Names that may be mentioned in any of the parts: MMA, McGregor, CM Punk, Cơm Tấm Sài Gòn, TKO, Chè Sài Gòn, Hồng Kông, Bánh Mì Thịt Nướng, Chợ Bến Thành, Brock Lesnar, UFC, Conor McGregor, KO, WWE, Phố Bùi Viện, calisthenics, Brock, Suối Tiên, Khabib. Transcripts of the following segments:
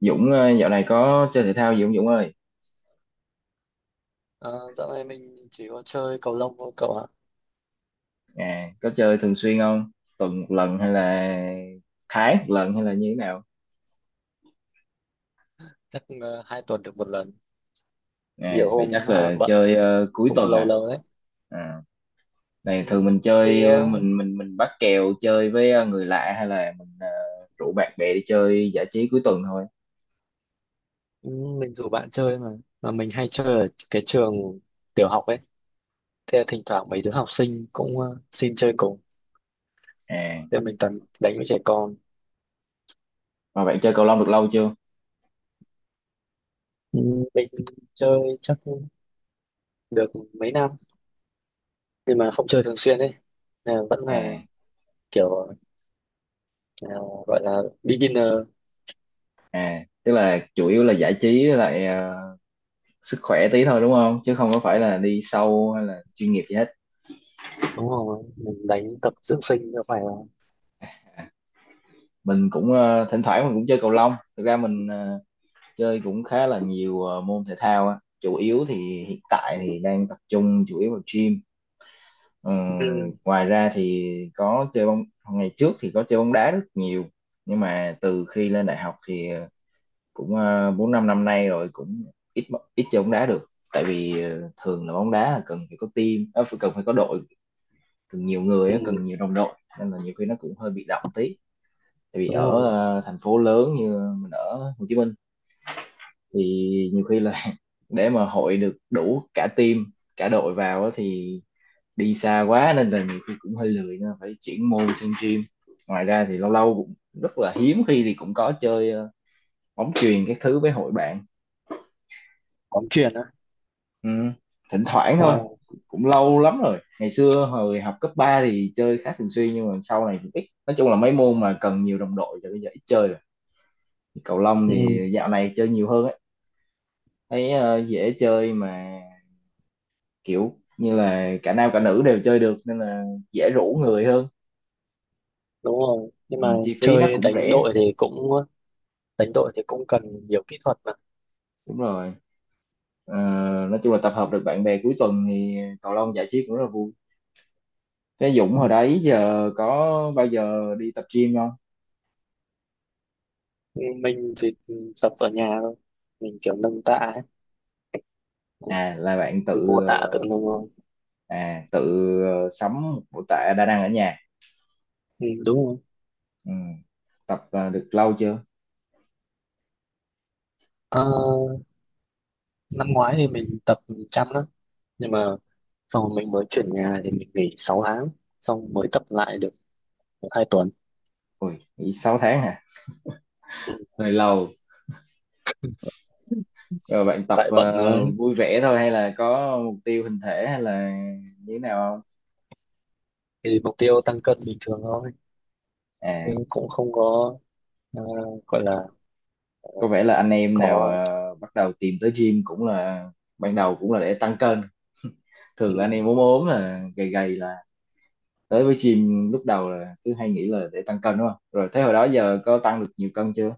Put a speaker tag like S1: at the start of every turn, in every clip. S1: Dũng, dạo này có chơi thể thao gì không Dũng ơi?
S2: Ờ, Dạo này mình chỉ có chơi cầu lông thôi cậu ạ.
S1: À, có chơi thường xuyên không? Tuần một lần hay là tháng một lần hay là như thế nào?
S2: Chắc hai tuần được một lần.
S1: À,
S2: Nhiều
S1: vậy chắc
S2: hôm à,
S1: là
S2: bận
S1: chơi
S2: thì
S1: cuối
S2: cũng
S1: tuần
S2: lâu
S1: à?
S2: lâu đấy.
S1: À? Này thường
S2: Ừ,
S1: mình
S2: tùy
S1: chơi ờ,
S2: ơi,
S1: mình mình mình bắt kèo chơi với người lạ hay là rủ bạn bè đi chơi giải trí cuối tuần thôi.
S2: ừ, mình rủ bạn chơi mà. Mà mình hay chơi ở cái trường tiểu học ấy. Thế thỉnh thoảng mấy đứa học sinh cũng xin chơi cùng.
S1: À,
S2: Thế mình toàn đánh với trẻ con.
S1: mà bạn chơi cầu lông được lâu chưa?
S2: Ừ, mình chơi chắc được mấy năm nhưng mà không chơi thường xuyên ấy. Nên là vẫn là
S1: À,
S2: kiểu ờ, gọi là beginner
S1: à, tức là chủ yếu là giải trí với lại sức khỏe tí thôi đúng không? Chứ không có phải là đi sâu hay là chuyên nghiệp gì hết.
S2: đúng không? Mình đánh tập dưỡng sinh cho phải không?
S1: Mình cũng thỉnh thoảng mình cũng chơi cầu lông. Thực ra mình chơi cũng khá là nhiều môn thể thao á, chủ yếu thì hiện tại thì đang tập trung chủ yếu vào gym. Ờ,
S2: Ừ.
S1: Ngoài ra thì có chơi bóng, ngày trước thì có chơi bóng đá rất nhiều, nhưng mà từ khi lên đại học thì bốn năm năm nay rồi cũng ít ít chơi bóng đá được. Tại vì thường là bóng đá là cần phải có team, ờ, phải cần phải có đội, cần nhiều người
S2: Ừ.
S1: á, cần nhiều đồng đội, nên là nhiều khi nó cũng hơi bị động tí. Tại vì
S2: Đúng
S1: ở
S2: rồi.
S1: thành phố lớn như mình ở Hồ Chí Minh thì nhiều khi là để mà hội được đủ cả team, cả đội vào á thì đi xa quá, nên là nhiều khi cũng hơi lười, nên là phải chuyển môn sang gym. Ngoài ra thì lâu lâu cũng rất là hiếm khi thì cũng có chơi bóng chuyền các thứ với hội bạn.
S2: Bóng chuyền á.
S1: Ừ, thỉnh thoảng thôi.
S2: Wow.
S1: Cũng lâu lắm rồi, ngày xưa hồi học cấp 3 thì chơi khá thường xuyên, nhưng mà sau này cũng ít. Nói chung là mấy môn mà cần nhiều đồng đội thì bây giờ ít chơi rồi, cầu lông
S2: Ừ,
S1: thì dạo này chơi nhiều hơn á. Thấy dễ chơi mà, kiểu như là cả nam cả nữ đều chơi được nên là dễ rủ người hơn.
S2: đúng rồi, nhưng
S1: Ừ,
S2: mà
S1: chi phí nó
S2: chơi
S1: cũng
S2: đánh
S1: rẻ.
S2: đội thì cũng đánh đội thì cũng cần nhiều kỹ thuật mà.
S1: Đúng rồi. Ờ, nói chung là tập hợp được bạn bè cuối tuần thì cầu lông giải trí cũng rất là vui. Thế Dũng
S2: Ừ,
S1: hồi đấy giờ có bao giờ đi tập gym không?
S2: mình thì tập ở nhà thôi, mình kiểu nâng tạ ấy.
S1: À là bạn
S2: Cứ
S1: tự
S2: vô tạ tự nâng thôi.
S1: à tự sắm một bộ tạ đa năng ở nhà.
S2: Ừ, đúng rồi.
S1: Ừ, tập được lâu chưa?
S2: Ờ, Năm ngoái thì mình tập chăm lắm, nhưng mà sau mình mới chuyển nhà thì mình nghỉ 6 tháng, xong mới tập lại được hai tuần.
S1: Ui, nghĩ 6 tháng hả?
S2: Ừ,
S1: Hơi lâu. Rồi bạn tập
S2: tại bận rồi,
S1: vui vẻ thôi hay là có mục tiêu hình thể hay là như thế nào không?
S2: thì mục tiêu tăng cân bình thường thôi, chứ
S1: À,
S2: cũng không có ờ, gọi là.
S1: có vẻ là anh em nào
S2: Có,
S1: bắt đầu tìm tới gym cũng là ban đầu cũng là để tăng cân.
S2: ừ.
S1: Thường là anh em ốm ốm là gầy gầy là tới với gym lúc đầu là cứ hay nghĩ là để tăng cân đúng không? Rồi thế hồi đó giờ có tăng được nhiều cân chưa?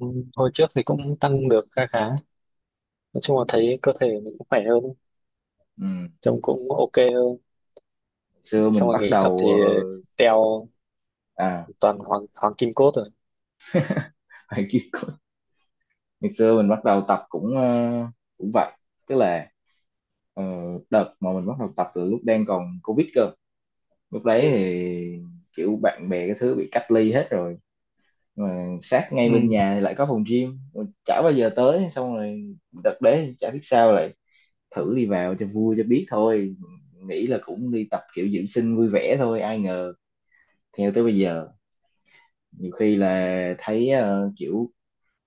S2: Ừ, hồi trước thì cũng tăng được khá khá, nói chung là thấy cơ thể mình cũng khỏe hơn,
S1: Ừ.
S2: trông cũng ok hơn.
S1: Xưa
S2: Xong
S1: mình
S2: rồi
S1: bắt
S2: nghỉ tập thì
S1: đầu
S2: teo,
S1: à
S2: toàn hoàng hoàng kim cốt rồi.
S1: phải kêu cô- ngày xưa mình bắt đầu tập cũng cũng vậy, tức là ờ, đợt mà mình bắt đầu tập từ lúc đang còn Covid cơ. Lúc đấy
S2: Ừ.
S1: thì kiểu bạn bè cái thứ bị cách ly hết rồi, mà sát ngay
S2: Ừ.
S1: bên nhà thì lại có phòng gym chả bao giờ tới. Xong rồi đợt đấy chả biết sao lại thử đi vào cho vui cho biết thôi, nghĩ là cũng đi tập kiểu dưỡng sinh vui vẻ thôi, ai ngờ theo tới bây giờ. Nhiều khi là thấy kiểu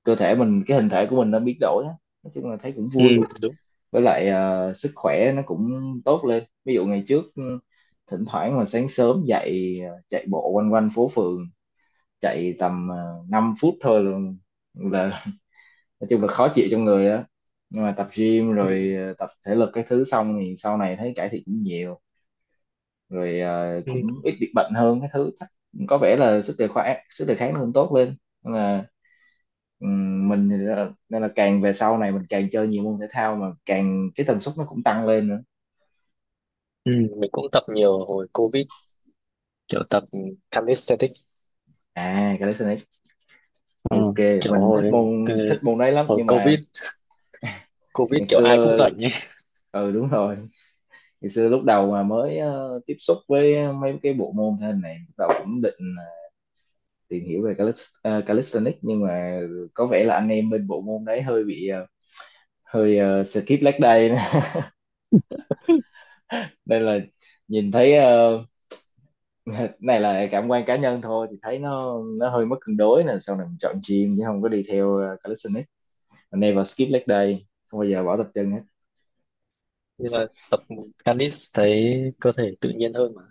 S1: cơ thể mình, cái hình thể của mình nó biến đổi á, nói chung là thấy cũng
S2: Ừ,
S1: vui.
S2: đúng.
S1: Với lại sức khỏe nó cũng tốt lên. Ví dụ ngày trước ừ, thỉnh thoảng mà sáng sớm dậy chạy bộ quanh quanh phố phường, chạy tầm 5 phút thôi luôn, là nói chung là khó chịu trong người á. Nhưng mà tập gym
S2: Ừ.
S1: rồi tập thể lực cái thứ xong thì sau này thấy cải thiện cũng nhiều. Rồi
S2: Ừ.
S1: cũng ít bị bệnh hơn cái thứ, chắc có vẻ là sức đề kháng nó cũng tốt lên, nên là mình thì đó- nên là càng về sau này mình càng chơi nhiều môn thể thao, mà càng cái tần suất nó cũng tăng lên nữa.
S2: Ừ. Mình cũng tập nhiều hồi covid, kiểu tập calisthenics.
S1: À, calisthenics,
S2: Ừ.
S1: ok.
S2: Kiểu
S1: Mình thích môn đấy lắm,
S2: hồi
S1: nhưng mà
S2: covid covid
S1: ngày
S2: kiểu
S1: xưa
S2: ai cũng rảnh ấy.
S1: ừ đúng rồi, thì xưa lúc đầu mà mới tiếp xúc với mấy cái bộ môn thể hình này, lúc đầu cũng định tìm hiểu về calist, calisthenics, nhưng mà có vẻ là anh em bên bộ môn đấy hơi bị skip leg day nên là nhìn thấy này là cảm quan cá nhân thôi, thì thấy nó hơi mất cân đối nên sau này mình chọn gym chứ không có đi theo calisthenics. Never skip leg day, không bao giờ bỏ tập chân hết.
S2: Nhưng mà tập calis thấy cơ thể tự nhiên hơn mà.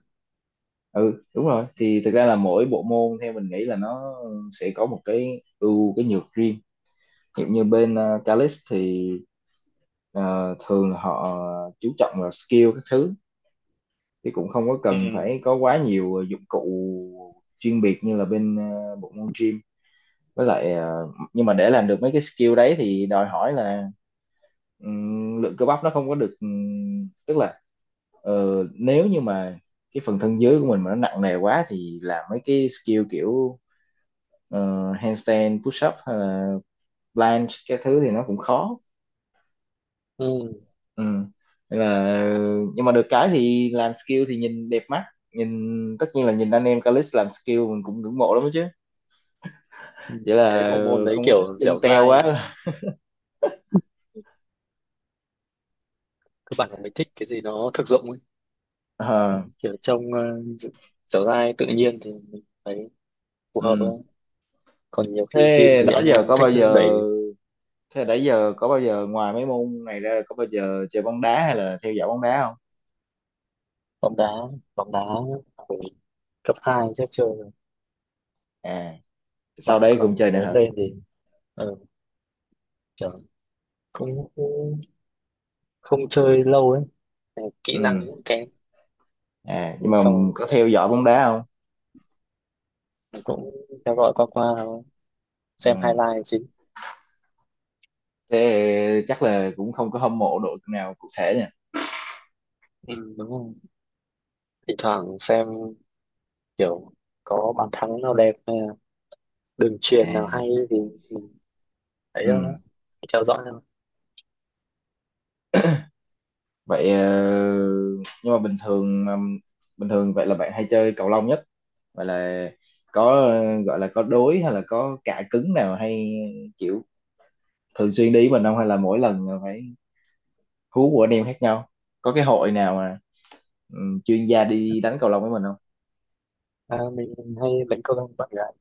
S1: Ừ đúng rồi, thì thực ra là mỗi bộ môn theo mình nghĩ là nó sẽ có một cái ưu cái nhược riêng. Hiện như bên Calix thì ờ, thường là họ chú trọng vào skill các thứ, thì cũng không có
S2: Ừ.
S1: cần phải có quá nhiều dụng cụ chuyên biệt như là bên bộ môn gym. Với lại nhưng mà để làm được mấy cái skill đấy thì đòi hỏi là lượng cơ bắp nó không có được, tức là nếu như mà cái phần thân dưới của mình mà nó nặng nề quá thì làm mấy cái skill kiểu handstand push up hay là planche cái thứ thì nó cũng khó.
S2: Ừ.
S1: Ừ. Nên là nhưng mà được cái thì làm skill thì nhìn đẹp mắt, nhìn tất nhiên là nhìn anh em Calix làm skill mình cũng ngưỡng mộ lắm đó chứ.
S2: Ừ,
S1: Vậy
S2: mình thấy
S1: là
S2: bộ môn đấy
S1: không có thích
S2: kiểu dẻo
S1: chân teo quá
S2: dai, cơ bản là mình thích cái gì nó thực dụng ấy. Đấy,
S1: Ờ,
S2: kiểu trong dẻo dai tự nhiên thì mình thấy phù hợp
S1: ừ.
S2: thôi, còn nhiều khi chim
S1: Thế
S2: thì
S1: đó
S2: anh
S1: giờ
S2: em
S1: có
S2: thích
S1: bao giờ
S2: đẩy.
S1: thế nãy giờ có bao giờ ngoài mấy môn này ra có bao giờ chơi bóng đá hay là theo dõi bóng đá không?
S2: Bóng đá, bóng đá hồi cấp 2 chắc chơi rồi.
S1: À, sau
S2: Còn
S1: đây
S2: Còn
S1: cũng chơi nữa
S2: lớn
S1: hả?
S2: lên thì ờ, kiểu cũng cũng không chơi lâu ấy. Kỹ năng
S1: Ừ.
S2: cũng kém.
S1: À, nhưng
S2: Nhưng
S1: mà
S2: xong rồi
S1: có theo dõi bóng đá không?
S2: mình cũng theo dõi qua qua thôi,
S1: Ừ.
S2: xem highlight chính.
S1: Thế chắc là cũng không có hâm mộ đội nào cụ thể nha?
S2: Ừ, đúng không. Thỉnh thoảng xem kiểu có bàn thắng nào đẹp hay là đường truyền
S1: À,
S2: nào hay thì mình thấy
S1: ừ.
S2: theo dõi thôi.
S1: Vậy nhưng mà bình thường vậy là bạn hay chơi cầu lông nhất, vậy là có gọi là có đối hay là có cạ cứng nào hay chịu thường xuyên đi với mình không, hay là mỗi lần là phải hú của anh em khác nhau? Có cái hội nào mà chuyên gia đi đánh cầu lông với mình không?
S2: À, mình hay đánh cầu lông với bạn gái.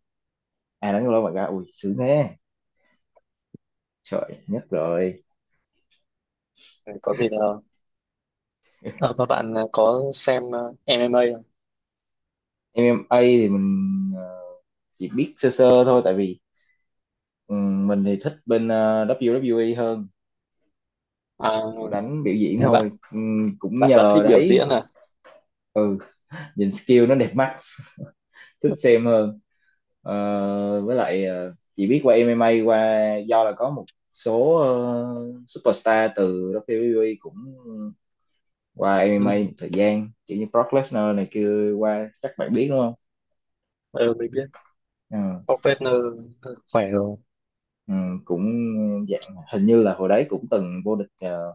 S1: À đánh cầu lông bạn ra ui sướng thế, trời nhất rồi.
S2: Ừ, có gì là. À, mà bạn có xem MMA không?
S1: MMA thì mình ờ, chỉ biết sơ sơ thôi, tại vì mình thì thích bên WWE hơn,
S2: À,
S1: kiểu đánh biểu diễn
S2: nhà
S1: thôi.
S2: bạn
S1: Cũng
S2: bạn bạn
S1: nhờ
S2: thích biểu
S1: đấy,
S2: diễn à?
S1: ừ, nhìn skill nó đẹp mắt thích xem hơn. Ờ, với lại chỉ biết qua MMA, qua do là có một số superstar từ WWE cũng qua
S2: Ừ.
S1: MMA một thời gian kiểu như Brock Lesnar này kia qua, chắc bạn biết đúng không?
S2: Ừ, mình biết
S1: Ừ,
S2: Brock, khỏe rồi.
S1: ừ, cũng dạng hình như là hồi đấy cũng từng vô địch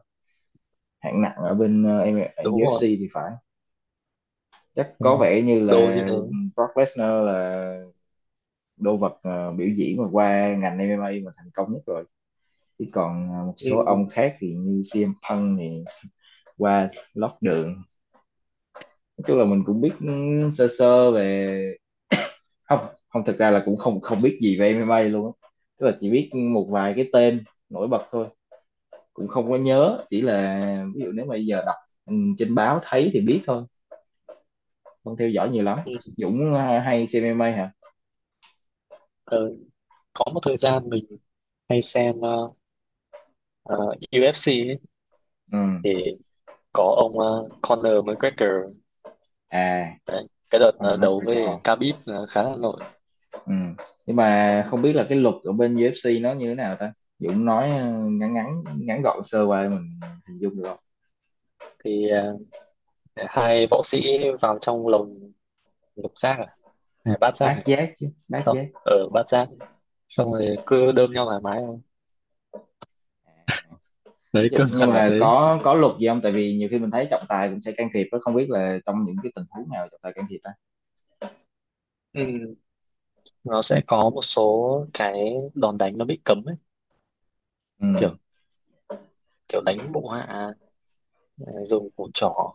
S1: hạng nặng ở bên
S2: Đúng
S1: UFC
S2: rồi,
S1: thì phải, chắc
S2: đúng
S1: có
S2: rồi.
S1: vẻ như
S2: Đồ như
S1: là
S2: thế.
S1: Brock Lesnar là đô vật biểu diễn mà qua ngành MMA mà thành công nhất rồi. Chứ còn một
S2: Ừ.
S1: số ông khác thì như CM Punk thì qua lót đường. Nói chung là mình cũng biết ừ, sơ sơ về không, không thực ra là cũng không không biết gì về MMA luôn á, tức là chỉ biết một vài cái tên nổi bật thôi, cũng không có nhớ, chỉ là ví dụ nếu mà giờ đọc ừ, trên báo thấy thì biết thôi, không theo dõi nhiều lắm.
S2: Ừ.
S1: Dũng hay xem MMA hả?
S2: Ờ, có một thời gian mình hay xem ờ, UFC ấy,
S1: Ừ.
S2: thì có ông Conor McGregor.
S1: À,
S2: Đấy, cái đợt
S1: con là
S2: đấu
S1: McGregor.
S2: với Khabib là khá là nổi.
S1: Ừ. Nhưng mà không biết là cái luật ở bên UFC nó như thế nào ta. Dũng nói ờ, ngắn ngắn ngắn gọn sơ qua để mình hình dung được không?
S2: Thì hai võ sĩ vào trong lồng lục giác à hay bát giác
S1: Bát
S2: này.
S1: giác, chứ bát
S2: Xong
S1: giác.
S2: ở bát giác, xong rồi cứ đơm nhau thoải mái thôi,
S1: Nói
S2: đấy cơ
S1: chung- nhưng
S2: bản là
S1: mà
S2: thế.
S1: có luật gì không, tại vì nhiều khi mình thấy trọng tài cũng sẽ can thiệp đó, không biết là trong những cái tình huống nào trọng tài can thiệp ta?
S2: Ừ, nó sẽ có một số cái đòn đánh nó bị cấm ấy,
S1: Ừ.
S2: kiểu kiểu đánh bộ hạ,
S1: À,
S2: dùng củ trỏ,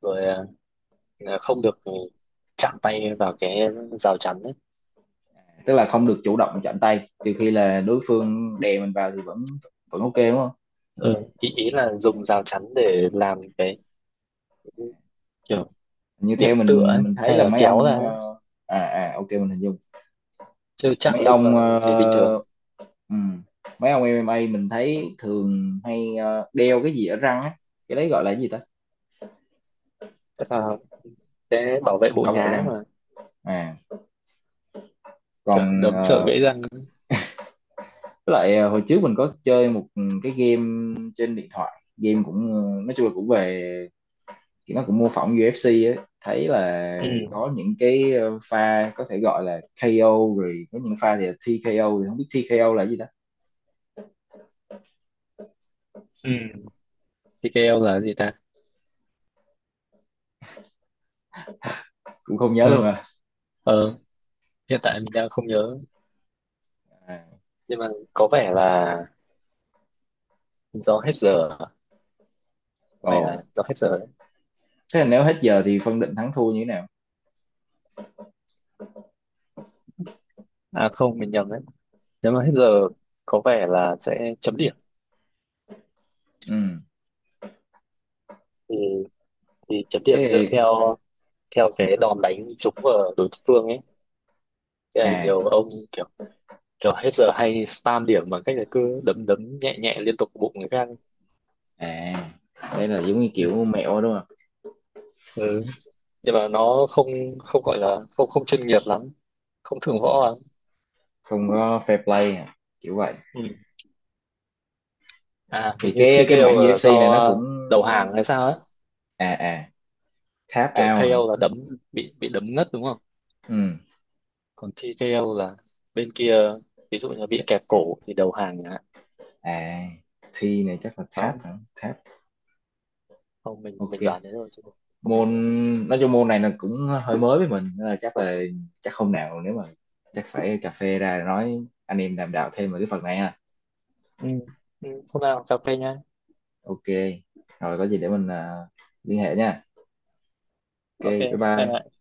S2: rồi ờ, không được chạm tay vào cái rào chắn ấy.
S1: à, tức là không được chủ động chạm tay, trừ khi là đối phương đè mình vào thì vẫn vẫn ok đúng không?
S2: Ừ, ý ý là dùng rào chắn để làm cái kiểu
S1: Như
S2: điểm
S1: theo
S2: tựa ấy,
S1: mình thấy
S2: hay
S1: là
S2: là
S1: mấy
S2: kéo ra
S1: ông
S2: ấy.
S1: à à ok mình hình dung
S2: Chứ chạm
S1: mấy
S2: lưng vào
S1: ông
S2: thì bình thường.
S1: Ừ. Mấy ông MMA mình thấy thường hay đeo cái gì ở răng á, cái đấy gọi là cái gì ta?
S2: Tức là sẽ bảo vệ bộ
S1: Bảo vệ
S2: nhá
S1: răng.
S2: mà.
S1: À,
S2: Kiểu
S1: còn
S2: đấm sợ gãy răng.
S1: với lại hồi trước mình có chơi một cái game trên điện thoại, game cũng nói chung là cũng về, nó cũng mô phỏng UFC ấy, thấy là
S2: Ừ,
S1: có những cái pha có thể gọi là KO, rồi có những pha thì là TKO, thì không biết TKO là cái gì ta,
S2: ừ. TKL là gì ta?
S1: cũng không nhớ
S2: Dạ.
S1: luôn à.
S2: ờ Hiện tại mình đang không nhớ,
S1: À.
S2: nhưng mà có vẻ là do hết giờ. Có vẻ
S1: Ồ,
S2: là do hết giờ đấy.
S1: thế là nếu hết giờ thì phân định thắng thua như thế nào?
S2: À không, mình nhầm đấy. Nếu mà hết giờ có vẻ là sẽ chấm điểm.
S1: Ừ.
S2: Thì, chấm điểm dựa
S1: Thế,
S2: theo theo cái đòn đánh trúng vào đối phương ấy. Thế là
S1: à
S2: nhiều ông kiểu kiểu hết giờ hay spam điểm bằng cách là cứ đấm đấm nhẹ nhẹ liên tục bụng người khác.
S1: à, đấy là giống như
S2: Ừ.
S1: kiểu mẹo đúng không?
S2: Ừ. Nhưng mà nó không không gọi là không không chuyên nghiệp lắm, không thượng võ
S1: À,
S2: lắm.
S1: không có fair play à, kiểu vậy?
S2: Ừ. À,
S1: Thì
S2: hình như
S1: cái mảng
S2: TKO là
S1: UFC
S2: do
S1: này nó cũng
S2: đầu hàng hay sao ấy.
S1: à à tap
S2: Kiểu
S1: out hả?
S2: KO là đấm bị đấm ngất đúng không?
S1: Ừ.
S2: Còn TKO là bên kia ví dụ như bị kẹp cổ thì đầu hàng chẳng hạn.
S1: À, T này chắc là tap
S2: Đó,
S1: hả, tap.
S2: không
S1: Ok,
S2: mình đoán thế thôi chứ mình không nhớ
S1: môn
S2: đâu.
S1: nói chung môn này là cũng hơi mới với mình, nên là chắc hôm nào nếu mà chắc phải cà phê ra nói, anh em đàm đạo thêm về cái phần này ha.
S2: Ừ. Ừ, hôm nào cà phê nhá.
S1: Ok, rồi có gì để mình liên hệ nha. Ok,
S2: Ok,
S1: bye
S2: bye
S1: bye.
S2: bye.